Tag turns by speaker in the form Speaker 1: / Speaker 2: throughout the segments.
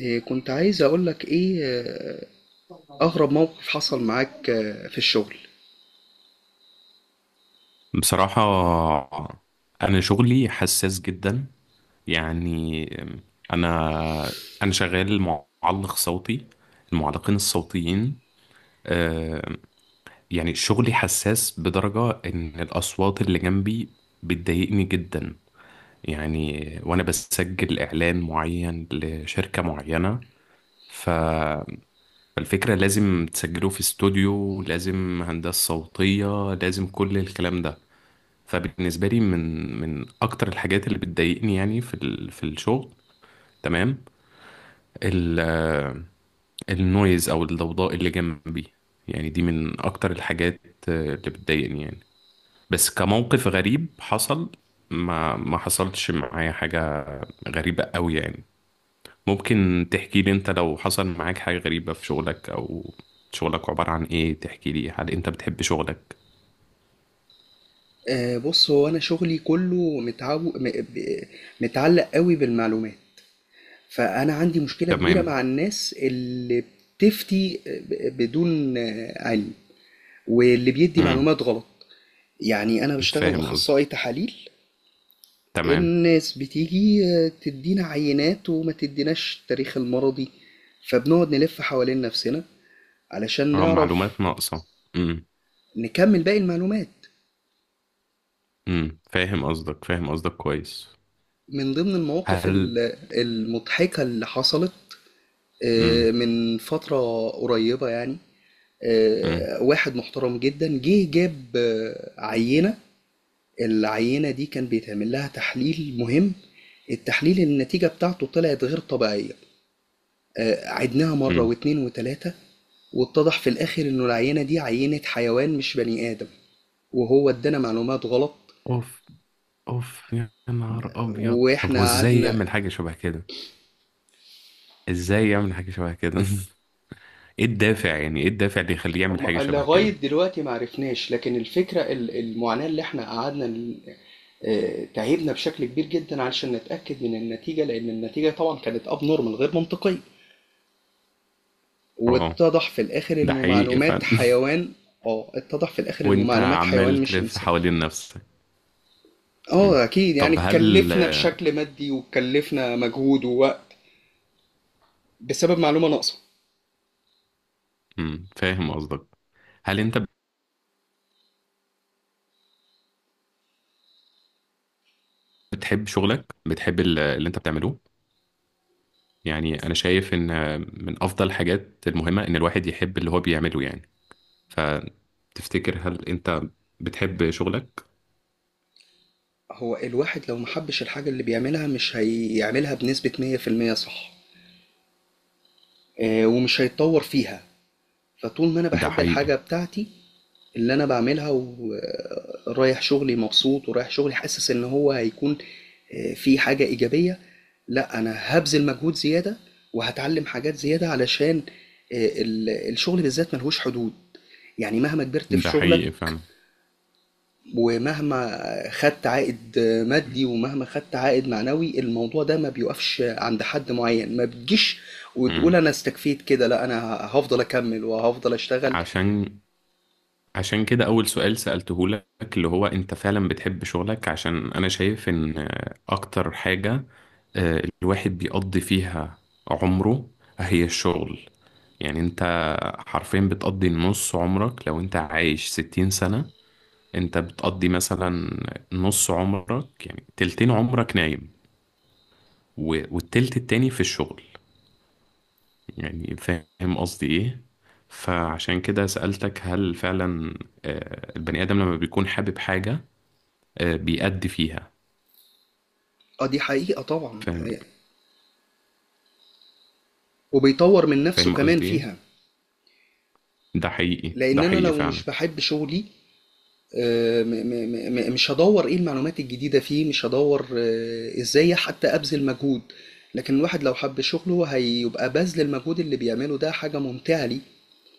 Speaker 1: إيه، كنت عايز أقولك إيه أغرب موقف حصل معاك في الشغل.
Speaker 2: بصراحة، أنا شغلي حساس جدا. يعني أنا أنا شغال معلق صوتي، المعلقين الصوتيين. آه، يعني شغلي حساس بدرجة إن الأصوات اللي جنبي بتضايقني جدا. يعني وأنا بسجل إعلان معين لشركة معينة، ف- فالفكرة لازم تسجله في استوديو، لازم هندسة صوتية، لازم كل الكلام ده. فبالنسبة لي، من أكتر الحاجات اللي بتضايقني يعني في الشغل، تمام، ال آه، النويز أو الضوضاء اللي جنبي، يعني دي من أكتر الحاجات اللي بتضايقني يعني. بس كموقف غريب حصل، ما حصلتش معايا حاجة غريبة قوي يعني. ممكن تحكي لي أنت لو حصل معاك حاجة غريبة في شغلك؟ أو شغلك عبارة عن إيه؟ تحكي لي، هل أنت بتحب شغلك؟
Speaker 1: بص، هو أنا شغلي كله متعلق قوي بالمعلومات. فأنا عندي مشكلة كبيرة
Speaker 2: تمام.
Speaker 1: مع الناس اللي بتفتي بدون علم واللي بيدي
Speaker 2: امم،
Speaker 1: معلومات غلط. يعني أنا بشتغل
Speaker 2: فاهم قصدك.
Speaker 1: أخصائي تحاليل،
Speaker 2: تمام،
Speaker 1: الناس بتيجي تدينا عينات وما تديناش التاريخ المرضي، فبنقعد نلف حوالين نفسنا علشان
Speaker 2: اه،
Speaker 1: نعرف
Speaker 2: معلومات ناقصة. مم.
Speaker 1: نكمل باقي المعلومات.
Speaker 2: امم، فاهم قصدك، فاهم قصدك كويس.
Speaker 1: من ضمن المواقف
Speaker 2: هل
Speaker 1: المضحكة اللي حصلت
Speaker 2: امم
Speaker 1: من فترة قريبة، يعني
Speaker 2: امم
Speaker 1: واحد محترم جدًا جه جاب عينة، العينة دي كان بيتعمل لها تحليل مهم، التحليل النتيجة بتاعته طلعت غير طبيعية، عِدناها
Speaker 2: امم
Speaker 1: مرة و2 و3، واتضح في الآخر إنه العينة دي عينة حيوان مش بني آدم، وهو ادانا معلومات غلط
Speaker 2: اوف، اوف يا نهار ابيض. طب، هو
Speaker 1: وإحنا
Speaker 2: ازاي
Speaker 1: قعدنا.
Speaker 2: يعمل حاجه شبه كده؟ ازاي يعمل حاجه شبه كده؟ ايه الدافع؟ يعني ايه الدافع اللي يخليه يعمل حاجه شبه
Speaker 1: لغاية
Speaker 2: كده؟
Speaker 1: دلوقتي معرفناش، لكن الفكرة المعاناة اللي احنا قعدنا تعبنا بشكل كبير جدا علشان نتأكد من النتيجة، لأن النتيجة طبعا كانت اب نورمال غير منطقية،
Speaker 2: اه،
Speaker 1: واتضح في الآخر
Speaker 2: ده
Speaker 1: إنه
Speaker 2: حقيقي
Speaker 1: معلومات
Speaker 2: فعلا.
Speaker 1: حيوان. اه، اتضح في الآخر إنه
Speaker 2: وانت
Speaker 1: معلومات
Speaker 2: عمال
Speaker 1: حيوان مش
Speaker 2: تلف
Speaker 1: إنسان.
Speaker 2: حوالين نفسك. امم.
Speaker 1: اه، أكيد يعني
Speaker 2: طب، هل
Speaker 1: اتكلفنا بشكل مادي واتكلفنا مجهود ووقت بسبب معلومة ناقصة.
Speaker 2: فاهم قصدك. هل انت بتحب شغلك؟ بتحب اللي انت بتعمله؟ يعني انا شايف ان من افضل الحاجات المهمه ان الواحد يحب اللي هو بيعمله. يعني فتفتكر، هل انت بتحب شغلك؟
Speaker 1: هو الواحد لو محبش الحاجة اللي بيعملها مش هيعملها بنسبة 100% صح؟ ومش هيتطور فيها. فطول ما أنا
Speaker 2: ده
Speaker 1: باحب الحاجة
Speaker 2: حقيقي،
Speaker 1: بتاعتي اللي أنا باعملها ورايح شغلي مبسوط ورايح شغلي حاسس إن هو هيكون في حاجة إيجابية، لأ أنا هبذل مجهود زيادة وهتعلم حاجات زيادة علشان الشغل بالذات ملهوش حدود. يعني مهما كبرت في
Speaker 2: ده
Speaker 1: شغلك
Speaker 2: حقيقي فعلا.
Speaker 1: ومهما خدت عائد مادي ومهما خدت عائد معنوي الموضوع ده ما بيوقفش عند حد معين، ما بتجيش
Speaker 2: مم.
Speaker 1: وتقول أنا استكفيت كده، لأ أنا هفضل أكمل وهفضل أشتغل.
Speaker 2: عشان عشان كده أول سؤال سألته لك، اللي هو أنت فعلا بتحب شغلك. عشان أنا شايف إن أكتر حاجة الواحد بيقضي فيها عمره هي الشغل. يعني أنت حرفيا بتقضي نص عمرك. لو أنت عايش 60 سنة، أنت بتقضي مثلا نص عمرك، يعني تلتين عمرك نايم، والتلت التاني في الشغل. يعني فاهم قصدي ايه؟ فعشان كده سألتك، هل فعلا البني آدم لما بيكون حابب حاجة بيأدي فيها.
Speaker 1: اه، دي حقيقة طبعا،
Speaker 2: فاهم،
Speaker 1: وبيطور من نفسه
Speaker 2: فاهم
Speaker 1: كمان
Speaker 2: قصدي ايه.
Speaker 1: فيها.
Speaker 2: ده حقيقي، ده
Speaker 1: لأن أنا
Speaker 2: حقيقي
Speaker 1: لو مش
Speaker 2: فعلا.
Speaker 1: بحب شغلي مش هدور إيه المعلومات الجديدة فيه، مش هدور إزاي حتى أبذل مجهود. لكن الواحد لو حب شغله هيبقى بذل المجهود اللي بيعمله ده حاجة ممتعة ليه،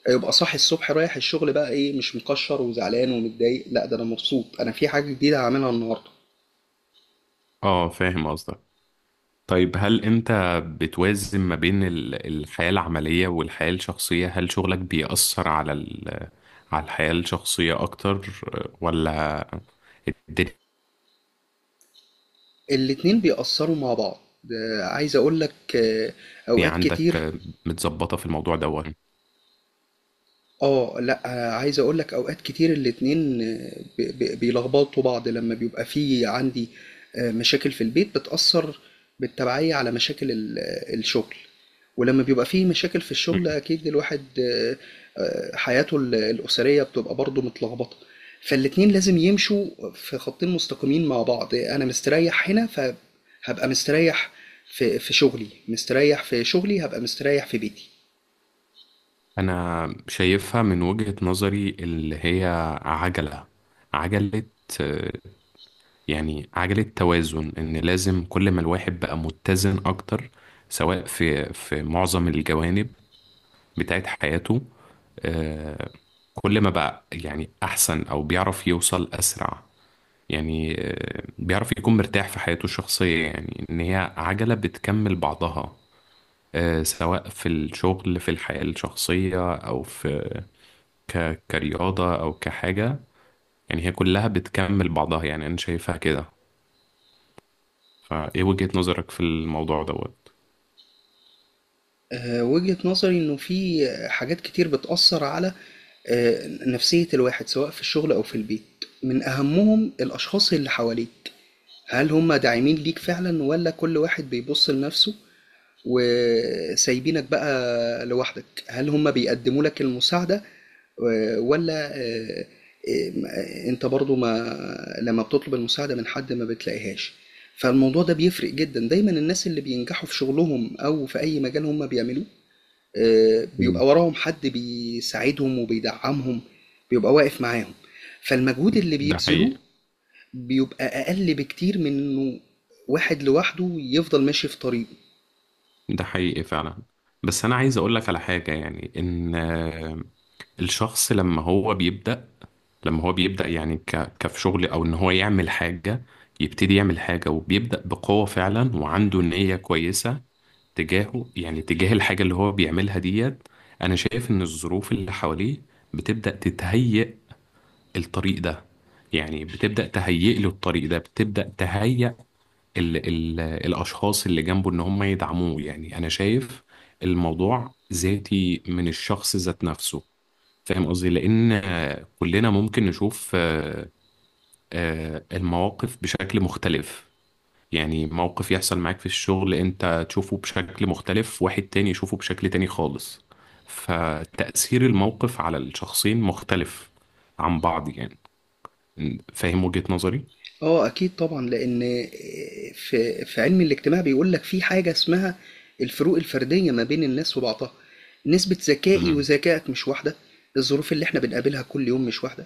Speaker 1: هيبقى صاحي الصبح رايح الشغل بقى إيه؟ مش مكشر وزعلان ومتضايق، لا ده أنا مبسوط، أنا في حاجة جديدة هعملها النهاردة.
Speaker 2: اه، فاهم قصدك. طيب، هل انت بتوازن ما بين الحياة العملية والحياة الشخصية؟ هل شغلك بيأثر على ال... على الحياة الشخصية اكتر، ولا الدنيا
Speaker 1: الاتنين بيأثروا مع بعض. عايز أقولك أوقات
Speaker 2: عندك
Speaker 1: كتير.
Speaker 2: متظبطة في الموضوع دوت؟
Speaker 1: اه، لا عايز اقول لك اوقات كتير الاتنين بيلخبطوا بعض، لما بيبقى في عندي مشاكل في البيت بتأثر بالتبعية على مشاكل الشغل، ولما بيبقى في مشاكل في الشغل اكيد الواحد حياته الأسرية بتبقى برضه متلخبطة. فالاتنين لازم يمشوا في خطين مستقيمين مع بعض، انا مستريح هنا فهبقى مستريح في شغلي، مستريح في شغلي هبقى مستريح في بيتي.
Speaker 2: انا شايفها من وجهة نظري اللي هي عجلة، عجلة، آه، يعني عجلة توازن، ان لازم كل ما الواحد بقى متزن اكتر سواء في معظم الجوانب بتاعت حياته، آه، كل ما بقى يعني احسن او بيعرف يوصل اسرع. يعني بيعرف يكون مرتاح في حياته الشخصية. يعني ان هي عجلة بتكمل بعضها، سواء في الشغل، في الحياة الشخصية، أو في كرياضة أو كحاجة. يعني هي كلها بتكمل بعضها، يعني أنا شايفها كده. فإيه وجهة نظرك في الموضوع دوت؟
Speaker 1: وجهة نظري إنه في حاجات كتير بتأثر على نفسية الواحد سواء في الشغل أو في البيت، من أهمهم الأشخاص اللي حواليك. هل هم داعمين ليك فعلا ولا كل واحد بيبص لنفسه وسايبينك بقى لوحدك؟ هل هم بيقدموا لك المساعدة آه، ولا آه، آه، انت برضو ما لما بتطلب المساعدة من حد ما بتلاقيهاش. فالموضوع ده بيفرق جدا، دايما الناس اللي بينجحوا في شغلهم او في اي مجال هم بيعملوه
Speaker 2: مم.
Speaker 1: بيبقى وراهم حد بيساعدهم وبيدعمهم، بيبقى واقف معاهم، فالمجهود اللي
Speaker 2: ده
Speaker 1: بيبذلوه
Speaker 2: حقيقي،
Speaker 1: بيبقى أقل بكتير من إنه واحد لوحده يفضل ماشي في طريقه.
Speaker 2: ده حقيقي فعلا. بس أنا عايز أقولك على حاجة، يعني إن الشخص لما هو بيبدأ، يعني كفي شغل أو إن هو يعمل حاجة، يبتدي يعمل حاجة وبيبدأ بقوة فعلا وعنده نية كويسة تجاهه، يعني تجاه الحاجة اللي هو بيعملها ديت. أنا شايف إن الظروف اللي حواليه بتبدأ تتهيئ الطريق ده، يعني بتبدأ تهيئ له الطريق ده، بتبدأ تهيئ ال الأشخاص اللي جنبه إن هم يدعموه. يعني أنا شايف الموضوع ذاتي من الشخص ذات نفسه. فاهم قصدي، لأن كلنا ممكن نشوف المواقف بشكل مختلف. يعني موقف يحصل معاك في الشغل أنت تشوفه بشكل مختلف، واحد تاني يشوفه بشكل تاني خالص. فتأثير الموقف على الشخصين مختلف عن بعض يعني. فاهم وجهة نظري.
Speaker 1: اه، اكيد طبعا لان في علم الاجتماع بيقول لك في حاجه اسمها الفروق الفرديه ما بين الناس وبعضها، نسبه ذكائي
Speaker 2: مم.
Speaker 1: وذكائك مش واحده، الظروف اللي احنا بنقابلها كل يوم مش واحده،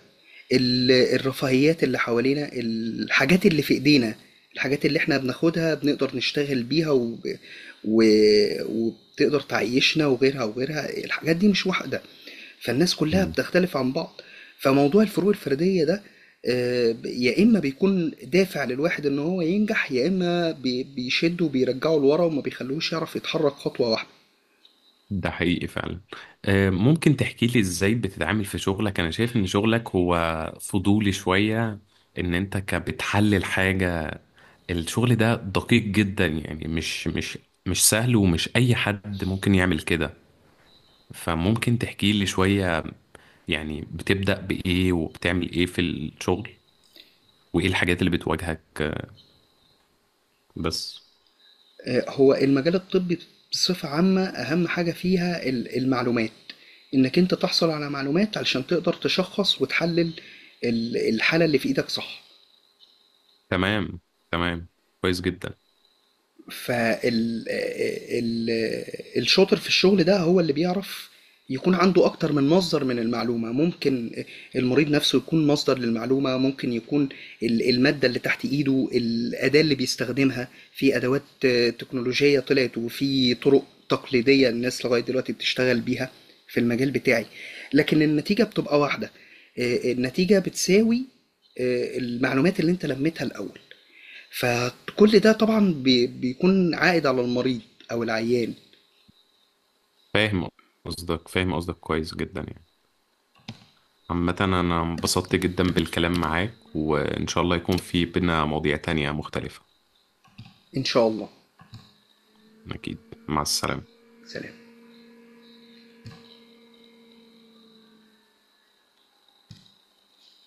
Speaker 1: الرفاهيات اللي حوالينا الحاجات اللي في ايدينا، الحاجات اللي احنا بناخدها بنقدر نشتغل بيها و... وبتقدر تعيشنا وغيرها وغيرها، الحاجات دي مش واحده، فالناس كلها
Speaker 2: مم.
Speaker 1: بتختلف عن بعض. فموضوع الفروق الفردية ده يا إما بيكون دافع للواحد إن هو ينجح يا إما بيشده وبيرجعه لورا وما بيخلوش يعرف يتحرك خطوة واحدة.
Speaker 2: ده حقيقي فعلا. ممكن تحكي لي ازاي بتتعامل في شغلك؟ انا شايف ان شغلك هو فضولي شوية، ان انت بتحلل حاجة. الشغل ده دقيق جدا، يعني مش سهل، ومش اي حد ممكن يعمل كده. فممكن تحكي لي شوية، يعني بتبدأ بإيه وبتعمل إيه في الشغل؟ وإيه الحاجات اللي بتواجهك، بس.
Speaker 1: هو المجال الطبي بصفة عامة أهم حاجة فيها المعلومات، إنك أنت تحصل على معلومات علشان تقدر تشخص وتحلل الحالة اللي في إيدك صح.
Speaker 2: تمام، تمام، كويس جدا.
Speaker 1: فال ال الشاطر في الشغل ده هو اللي بيعرف يكون عنده أكتر من مصدر من المعلومة، ممكن المريض نفسه يكون مصدر للمعلومة، ممكن يكون المادة اللي تحت إيده الأداة اللي بيستخدمها، في أدوات تكنولوجية طلعت وفي طرق تقليدية الناس لغاية دلوقتي بتشتغل بيها في المجال بتاعي، لكن النتيجة بتبقى واحدة. النتيجة بتساوي المعلومات اللي انت لميتها الأول، فكل ده طبعا بيكون عائد على المريض أو العيان.
Speaker 2: فاهم قصدك، فاهم قصدك كويس جدا. يعني عامة، أنا انبسطت جدا بالكلام معاك، وإن شاء الله يكون في بينا مواضيع تانية مختلفة.
Speaker 1: إن شاء الله.
Speaker 2: أكيد، مع السلامة.
Speaker 1: سلام.